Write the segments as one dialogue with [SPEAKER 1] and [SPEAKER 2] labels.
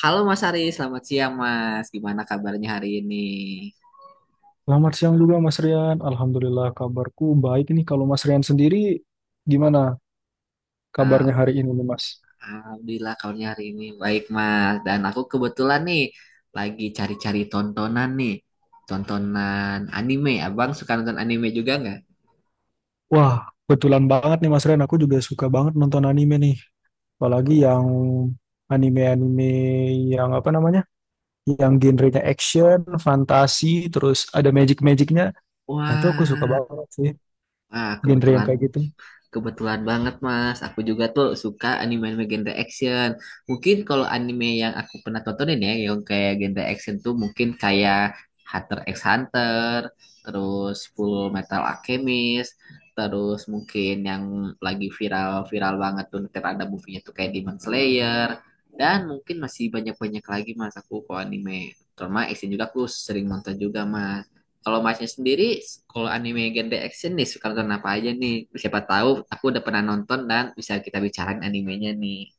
[SPEAKER 1] Halo Mas Ari, selamat siang Mas. Gimana kabarnya hari ini?
[SPEAKER 2] Selamat siang juga Mas Rian. Alhamdulillah kabarku baik nih. Kalau Mas Rian sendiri gimana
[SPEAKER 1] Ah,
[SPEAKER 2] kabarnya hari ini nih Mas?
[SPEAKER 1] Alhamdulillah kabarnya hari ini baik Mas. Dan aku kebetulan nih lagi cari-cari tontonan nih. Tontonan anime. Abang suka nonton anime juga nggak?
[SPEAKER 2] Wah, kebetulan banget nih Mas Rian. Aku juga suka banget nonton anime nih. Apalagi yang anime-anime yang apa namanya? Yang genrenya action, fantasi, terus ada magic-magicnya. Nah itu aku suka
[SPEAKER 1] Wah,
[SPEAKER 2] banget sih genre yang
[SPEAKER 1] Kebetulan
[SPEAKER 2] kayak gitu.
[SPEAKER 1] kebetulan banget Mas. Aku juga tuh suka anime-anime genre action. Mungkin kalau anime yang aku pernah tontonin ya, yang kayak genre action tuh mungkin kayak Hunter x Hunter, terus Full Metal Alchemist, terus mungkin yang lagi viral-viral banget tuh ntar ada movie-nya tuh kayak Demon Slayer. Dan mungkin masih banyak-banyak lagi Mas aku kalau anime. Terutama action juga aku sering nonton juga Mas. Kalau masnya sendiri, kalau anime genre action nih suka nonton apa aja nih? Siapa tahu aku udah pernah nonton dan bisa kita bicarain animenya nih.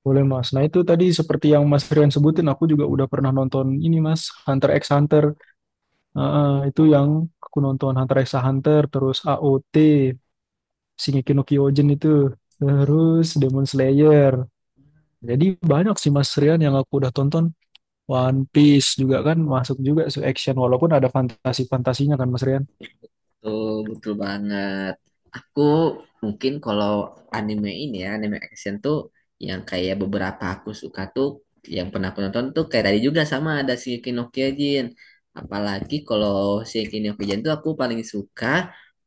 [SPEAKER 2] Boleh Mas. Nah itu tadi seperti yang Mas Rian sebutin, aku juga udah pernah nonton ini Mas, Hunter x Hunter. Heeh, itu yang aku nonton Hunter x Hunter, terus AOT, Shingeki no Kyojin itu, terus Demon Slayer. Jadi banyak sih Mas Rian yang aku udah tonton. One Piece juga kan masuk juga su action walaupun ada fantasi-fantasinya kan Mas Rian.
[SPEAKER 1] Tuh, betul banget. Aku mungkin kalau anime ini ya, anime action tuh yang kayak beberapa aku suka tuh, yang pernah aku nonton tuh kayak tadi juga sama ada Shingeki no Kyojin. Apalagi kalau Shingeki no Kyojin tuh aku paling suka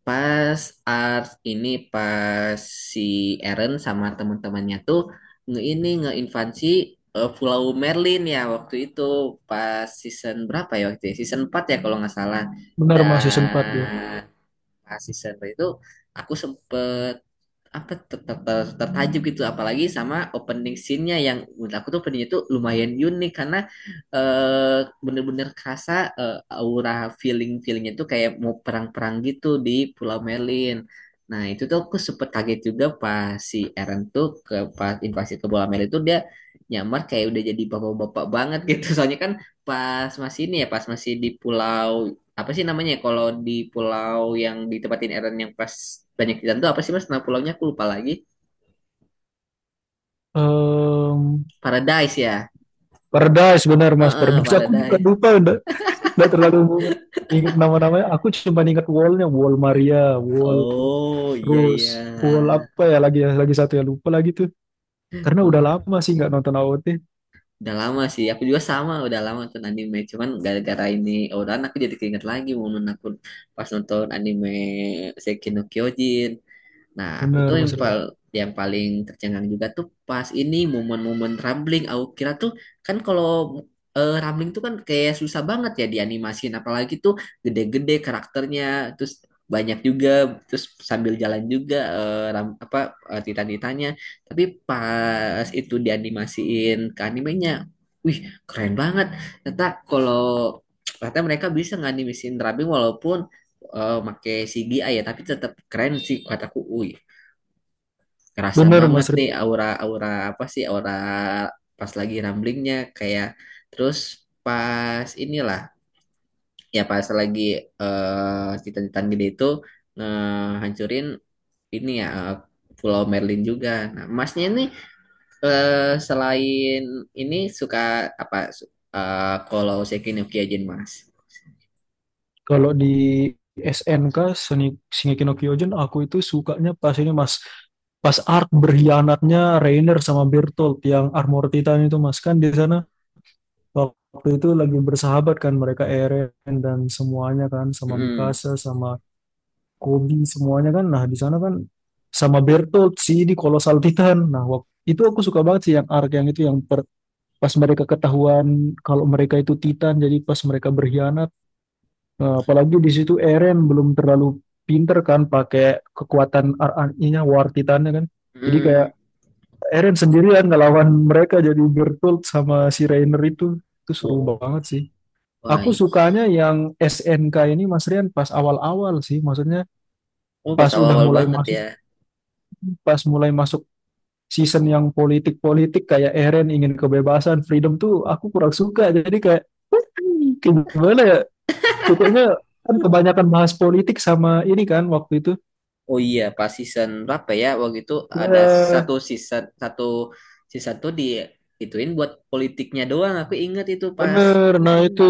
[SPEAKER 1] pas art ini pas si Eren sama teman-temannya tuh ini ngeinvasi Pulau Merlin ya waktu itu pas season berapa ya waktu itu? Season 4 ya kalau nggak salah.
[SPEAKER 2] Benar Mas season 4 dia.
[SPEAKER 1] Dan Nah, season berapa itu aku sempet apa tertajuk gitu apalagi sama opening scene-nya yang menurut aku tuh openingnya tuh lumayan unik karena eh, bener-bener kerasa aura feelingnya tuh kayak mau perang-perang gitu di Pulau Merlin. Nah itu tuh aku sempet kaget juga pas si Eren tuh pas invasi ke Pulau Merlin tuh dia nyamar kayak udah jadi bapak-bapak banget gitu soalnya kan pas masih ini ya pas masih di pulau apa sih namanya ya, kalau di pulau yang ditempatin Eren yang pas banyak ikan tuh apa sih mas nama pulaunya aku lupa lagi.
[SPEAKER 2] Em,
[SPEAKER 1] Paradise ya.
[SPEAKER 2] Paradise benar Mas
[SPEAKER 1] Heeh,
[SPEAKER 2] Paradise. Aku juga
[SPEAKER 1] Paradise.
[SPEAKER 2] lupa udah terlalu ingat ingat nama-namanya aku cuma ingat wallnya wall Maria wall
[SPEAKER 1] Oh iya
[SPEAKER 2] Rose
[SPEAKER 1] iya.
[SPEAKER 2] wall apa ya lagi satu ya lupa lagi tuh. Karena udah
[SPEAKER 1] Oh,
[SPEAKER 2] lama sih nggak nonton AOT.
[SPEAKER 1] udah lama sih aku juga sama udah lama nonton anime cuman gara-gara ini Ouran aku jadi keinget lagi momen aku pas nonton anime Shingeki no Kyojin. Nah, aku tuh
[SPEAKER 2] Bener
[SPEAKER 1] yang,
[SPEAKER 2] Mas Rian.
[SPEAKER 1] pal- yang paling tercengang juga tuh pas ini momen-momen rambling. Aku kira tuh kan kalau rambling tuh kan kayak susah banget ya dianimasin, apalagi tuh gede-gede karakternya, terus banyak juga, terus sambil jalan juga apa titan-titannya. Tapi pas itu dianimasiin ke animenya, wih keren banget. Ternyata kalau ternyata mereka bisa nganimisin rambling walaupun make CGI ya, tapi tetap keren sih kataku. Wih, kerasa
[SPEAKER 2] Bener
[SPEAKER 1] banget
[SPEAKER 2] Mas
[SPEAKER 1] nih
[SPEAKER 2] Rian.
[SPEAKER 1] aura-aura apa sih aura pas lagi ramblingnya kayak terus pas inilah ya pas lagi cita-citaan gede itu ngehancurin ini ya Pulau Merlin juga. Nah, Masnya ini eh, selain ini suka apa kalau Sekinyoki aja Mas.
[SPEAKER 2] Kalau di SNK Seni Shingeki no Kyojin aku itu sukanya pas ini Mas pas arc berkhianatnya Reiner sama Bertolt yang Armor Titan itu Mas, kan di sana waktu itu lagi bersahabat kan mereka Eren dan semuanya kan sama
[SPEAKER 1] Mm-mm.
[SPEAKER 2] Mikasa sama Kobi semuanya kan. Nah, di sana kan sama Bertolt sih di Kolosal Titan. Nah, waktu itu aku suka banget sih yang arc yang itu yang pas mereka ketahuan kalau mereka itu Titan jadi pas mereka berkhianat. Nah, apalagi di situ Eren belum terlalu pinter kan pakai kekuatan RNI-nya War Titannya kan, jadi kayak
[SPEAKER 1] Mm.
[SPEAKER 2] Eren sendirian ngelawan mereka jadi bertult sama si Reiner itu seru
[SPEAKER 1] Oh,
[SPEAKER 2] banget sih.
[SPEAKER 1] wah.
[SPEAKER 2] Aku sukanya yang SNK ini Mas Rian pas awal-awal sih, maksudnya
[SPEAKER 1] Oh, pas
[SPEAKER 2] pas udah
[SPEAKER 1] awal-awal
[SPEAKER 2] mulai
[SPEAKER 1] banget ya.
[SPEAKER 2] masuk, pas masuk season yang politik-politik kayak Eren ingin kebebasan, freedom tuh aku kurang suka. Jadi kayak kayak gimana ya? Pokoknya kan kebanyakan bahas politik sama ini kan waktu itu.
[SPEAKER 1] Oh iya, pas season berapa ya? Waktu itu ada satu
[SPEAKER 2] Ya
[SPEAKER 1] season satu season tuh di ituin buat politiknya doang. Aku inget itu pas.
[SPEAKER 2] bener. Nah
[SPEAKER 1] Mm-mm.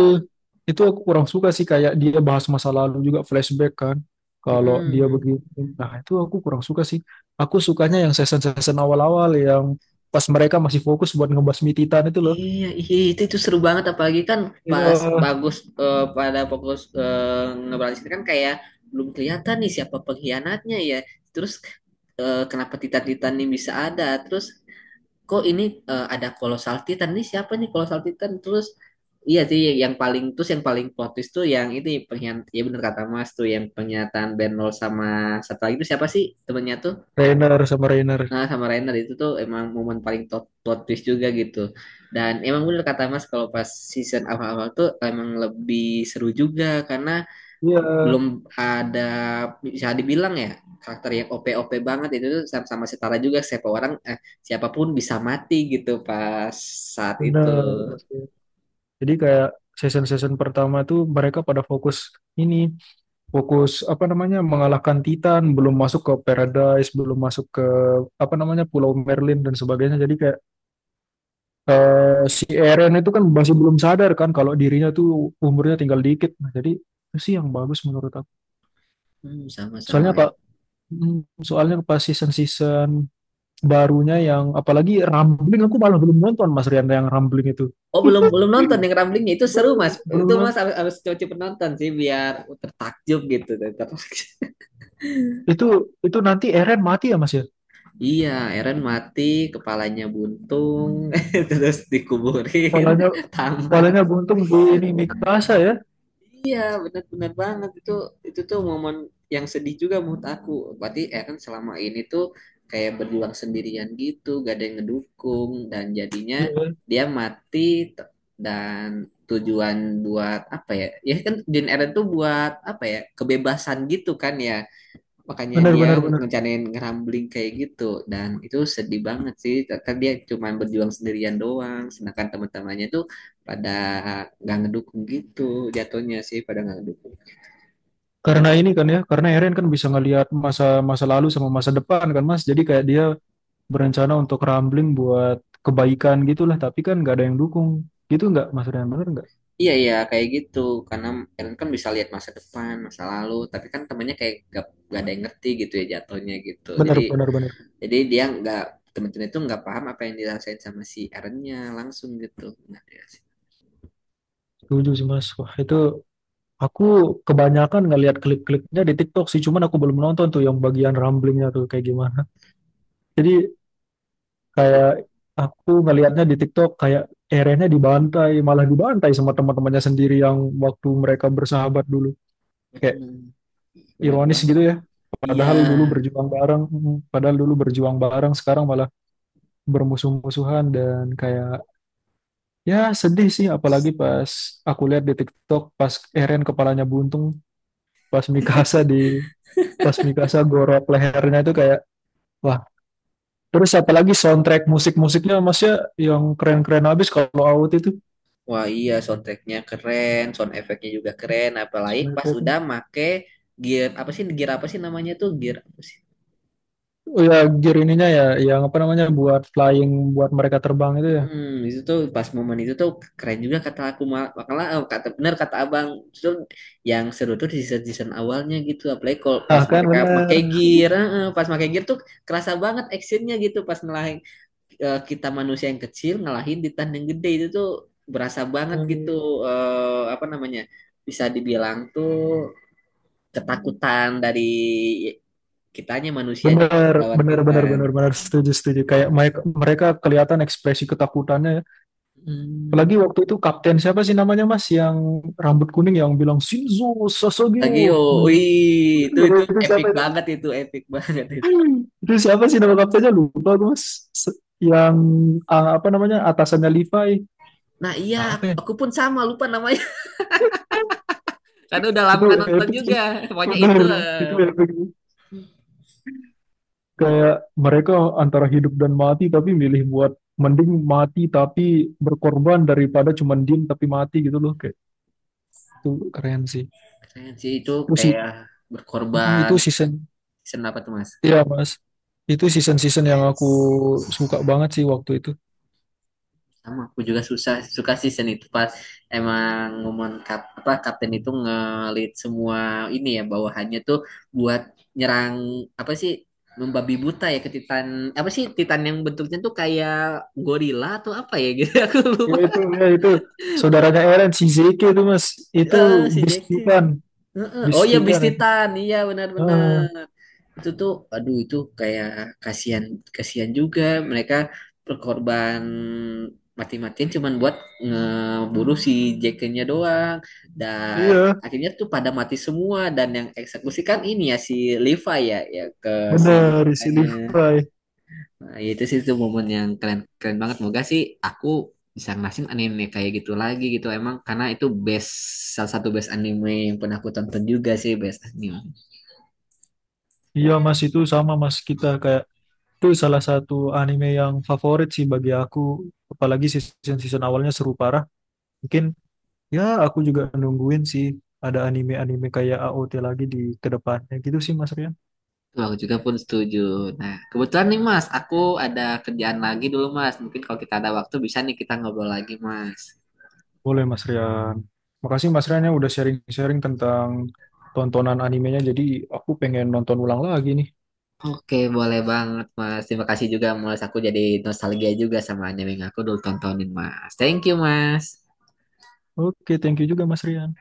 [SPEAKER 2] itu aku kurang suka sih kayak dia bahas masa lalu juga flashback kan. Kalau dia
[SPEAKER 1] Mm-mm.
[SPEAKER 2] begini, nah itu aku kurang suka sih. Aku sukanya yang season-season awal-awal yang pas mereka masih fokus buat ngebasmi Titan itu loh.
[SPEAKER 1] Iya, iya itu seru banget apalagi kan pas
[SPEAKER 2] Iya,
[SPEAKER 1] pada fokus ngeberantas kan kayak belum kelihatan nih siapa pengkhianatnya ya. Terus kenapa Titan-Titan ini bisa ada? Terus kok ini ada colossal titan nih siapa nih colossal titan terus iya sih yang paling terus yang paling plot, twist tuh yang itu pengen ya bener kata Mas tuh yang pernyataan Benol sama satu lagi itu siapa sih temennya tuh
[SPEAKER 2] Rainer sama Rainer.
[SPEAKER 1] nah sama Rainer itu tuh emang momen paling plot twist juga gitu dan emang bener kata Mas kalau pas season awal-awal tuh emang lebih seru juga karena
[SPEAKER 2] Iya,
[SPEAKER 1] belum ada bisa dibilang ya karakter yang OP-OP banget itu tuh sama setara juga siapapun bisa mati gitu pas saat itu.
[SPEAKER 2] bener. Mas, jadi kayak season-season pertama tuh mereka pada fokus ini, fokus apa namanya mengalahkan Titan, belum masuk ke Paradise, belum masuk ke apa namanya Pulau Merlin dan sebagainya. Jadi kayak si Eren itu kan masih belum sadar kan kalau dirinya tuh umurnya tinggal dikit. Nah, jadi itu sih yang bagus menurut aku.
[SPEAKER 1] Hmm,
[SPEAKER 2] Soalnya
[SPEAKER 1] sama-sama ya.
[SPEAKER 2] kak, soalnya pas season-season barunya yang apalagi Rambling aku malah belum nonton Mas Rian yang Rambling itu.
[SPEAKER 1] Oh belum belum nonton yang ramblingnya itu seru
[SPEAKER 2] Belum
[SPEAKER 1] mas
[SPEAKER 2] belum
[SPEAKER 1] itu
[SPEAKER 2] nonton.
[SPEAKER 1] mas harus harus coba penonton sih biar tertakjub gitu tertakjub.
[SPEAKER 2] Itu itu nanti Eren mati ya Mas ya?
[SPEAKER 1] Iya Eren mati kepalanya buntung terus dikuburin
[SPEAKER 2] Polanya
[SPEAKER 1] tamat.
[SPEAKER 2] Palinnya buntung di ini Mikasa ya.
[SPEAKER 1] Iya, benar-benar banget itu tuh momen yang sedih juga menurut aku. Berarti Eren selama ini tuh kayak berjuang sendirian gitu, gak ada yang ngedukung dan jadinya
[SPEAKER 2] Iya,
[SPEAKER 1] dia mati t- dan tujuan buat apa ya? Ya kan tujuan Eren tuh buat apa ya? Kebebasan gitu kan ya makanya
[SPEAKER 2] benar
[SPEAKER 1] dia
[SPEAKER 2] benar benar.
[SPEAKER 1] ngerencanain ngerambling kayak gitu dan itu sedih banget sih kan dia cuma berjuang sendirian doang sedangkan teman-temannya tuh pada nggak ngedukung gitu jatuhnya sih pada nggak ngedukung.
[SPEAKER 2] Karena ini kan ya, karena Eren kan bisa ngelihat masa masa lalu sama masa depan kan Mas. Jadi kayak dia berencana untuk rambling buat kebaikan gitulah, tapi kan nggak ada yang dukung. Gitu nggak Mas Rian, benar nggak?
[SPEAKER 1] Iya iya kayak gitu karena Ellen kan bisa lihat masa depan masa lalu tapi kan temannya kayak gak ada yang ngerti gitu ya jatuhnya gitu
[SPEAKER 2] Benar
[SPEAKER 1] jadi
[SPEAKER 2] benar benar.
[SPEAKER 1] jadi dia nggak teman-teman itu nggak paham apa yang dirasain sama si Erennya langsung gitu nah, ya sih.
[SPEAKER 2] Setuju sih Mas. Wah, itu aku kebanyakan ngelihat klip-klipnya di TikTok sih, cuman aku belum nonton tuh yang bagian ramblingnya tuh kayak gimana. Jadi
[SPEAKER 1] Jadi,
[SPEAKER 2] kayak aku ngelihatnya di TikTok kayak Erennya dibantai, malah dibantai sama teman-temannya sendiri yang waktu mereka bersahabat dulu. Kayak
[SPEAKER 1] hmm, bener
[SPEAKER 2] ironis
[SPEAKER 1] banget
[SPEAKER 2] gitu ya.
[SPEAKER 1] iya.
[SPEAKER 2] Padahal dulu berjuang bareng, padahal dulu berjuang bareng, sekarang malah bermusuh-musuhan dan kayak ya sedih sih. Apalagi pas aku lihat di TikTok pas Eren kepalanya buntung, pas Mikasa di pas Mikasa gorok lehernya itu kayak wah. Terus apalagi soundtrack musik-musiknya masnya yang keren-keren abis kalau AOT itu
[SPEAKER 1] Wah iya soundtracknya keren, sound efeknya juga keren, apalagi pas
[SPEAKER 2] soundtrack.
[SPEAKER 1] udah make gear apa sih namanya tuh gear apa sih?
[SPEAKER 2] Oh ya gear ininya ya yang apa namanya buat flying buat mereka terbang itu ya.
[SPEAKER 1] Mm-mm, itu tuh pas momen itu tuh keren juga kata aku makanya kata benar kata abang itu yang seru tuh di season season awalnya gitu apalagi kalau pas
[SPEAKER 2] Nah kan
[SPEAKER 1] mereka make
[SPEAKER 2] bener.
[SPEAKER 1] gear pas make gear tuh kerasa banget actionnya gitu pas ngelahin kita manusia yang kecil ngelahin titan yang gede itu tuh berasa banget
[SPEAKER 2] Hmm.
[SPEAKER 1] gitu apa namanya bisa dibilang tuh ketakutan dari kitanya manusianya gitu
[SPEAKER 2] Bener,
[SPEAKER 1] melawan
[SPEAKER 2] bener, bener,
[SPEAKER 1] titan.
[SPEAKER 2] bener, bener, setuju, setuju. Kayak mereka, mereka kelihatan ekspresi ketakutannya. Ya.
[SPEAKER 1] Hmm.
[SPEAKER 2] Apalagi waktu itu kapten siapa sih namanya mas yang rambut kuning yang bilang Shinzo
[SPEAKER 1] Tagio,
[SPEAKER 2] Sasageo.
[SPEAKER 1] wih itu
[SPEAKER 2] Itu
[SPEAKER 1] epic
[SPEAKER 2] siapa itu?
[SPEAKER 1] banget itu epic banget itu.
[SPEAKER 2] Itu siapa sih nama kaptennya? Lupa gue mas. Se- Yang apa namanya atasannya Levi.
[SPEAKER 1] Nah iya
[SPEAKER 2] Apa
[SPEAKER 1] aku,
[SPEAKER 2] ya?
[SPEAKER 1] aku pun sama lupa namanya karena udah lama
[SPEAKER 2] Itu
[SPEAKER 1] nggak nonton
[SPEAKER 2] epic
[SPEAKER 1] juga.
[SPEAKER 2] sih.
[SPEAKER 1] Pokoknya itu
[SPEAKER 2] Bener, itu
[SPEAKER 1] eh, pokoknya,
[SPEAKER 2] epic.
[SPEAKER 1] pokoknya
[SPEAKER 2] Kayak mereka antara hidup dan mati tapi milih buat mending mati tapi berkorban daripada cuman diem tapi mati gitu loh kayak itu keren
[SPEAKER 1] keren sih itu
[SPEAKER 2] sih
[SPEAKER 1] kayak berkorban.
[SPEAKER 2] itu season
[SPEAKER 1] Senapa tuh mas?
[SPEAKER 2] ya mas itu season-season yang aku suka banget sih waktu itu.
[SPEAKER 1] Sama aku juga suka season itu pas emang momen apa kapten itu ngelit semua ini ya bawahannya tuh buat nyerang apa sih membabi buta ya ke Titan apa sih Titan yang bentuknya tuh kayak gorila atau apa ya gitu aku
[SPEAKER 2] Ya
[SPEAKER 1] lupa.
[SPEAKER 2] itu ya itu saudaranya Eren si Zeke itu mas itu
[SPEAKER 1] Si
[SPEAKER 2] Beast
[SPEAKER 1] Jack.
[SPEAKER 2] Titan.
[SPEAKER 1] Heeh. Oh
[SPEAKER 2] Beast
[SPEAKER 1] iya
[SPEAKER 2] Titan
[SPEAKER 1] Beast
[SPEAKER 2] itu
[SPEAKER 1] Titan iya
[SPEAKER 2] ah,
[SPEAKER 1] benar-benar itu tuh aduh itu kayak kasihan kasihan juga mereka berkorban mati-matian cuman buat ngeburu si Jackennya doang dan
[SPEAKER 2] iya
[SPEAKER 1] akhirnya tuh pada mati semua dan yang eksekusi kan ini ya si Levi ya ya ke si
[SPEAKER 2] bener si
[SPEAKER 1] bisanya
[SPEAKER 2] Levi.
[SPEAKER 1] nah ya itu sih tuh momen yang keren keren banget moga sih aku bisa ngerasin anime kayak gitu lagi gitu emang karena itu best salah satu best anime yang pernah aku tonton juga sih best anime.
[SPEAKER 2] Iya mas itu sama mas kita kayak itu salah satu anime yang favorit sih bagi aku, apalagi season-season awalnya seru parah. Mungkin ya aku juga nungguin sih ada anime-anime kayak AOT lagi di kedepannya gitu sih Mas Rian.
[SPEAKER 1] Betul, aku juga pun setuju. Nah, kebetulan nih Mas, aku ada kerjaan lagi dulu Mas. Mungkin kalau kita ada waktu bisa nih kita ngobrol lagi Mas.
[SPEAKER 2] Boleh Mas Rian. Makasih Mas Rian ya udah sharing-sharing tentang tontonan animenya, jadi aku pengen nonton ulang lagi nih.
[SPEAKER 1] Oke, boleh banget Mas. Terima kasih juga Mas. Aku jadi nostalgia juga sama anime yang aku dulu tontonin Mas. Thank you Mas.
[SPEAKER 2] Oke, thank you juga Mas Rian.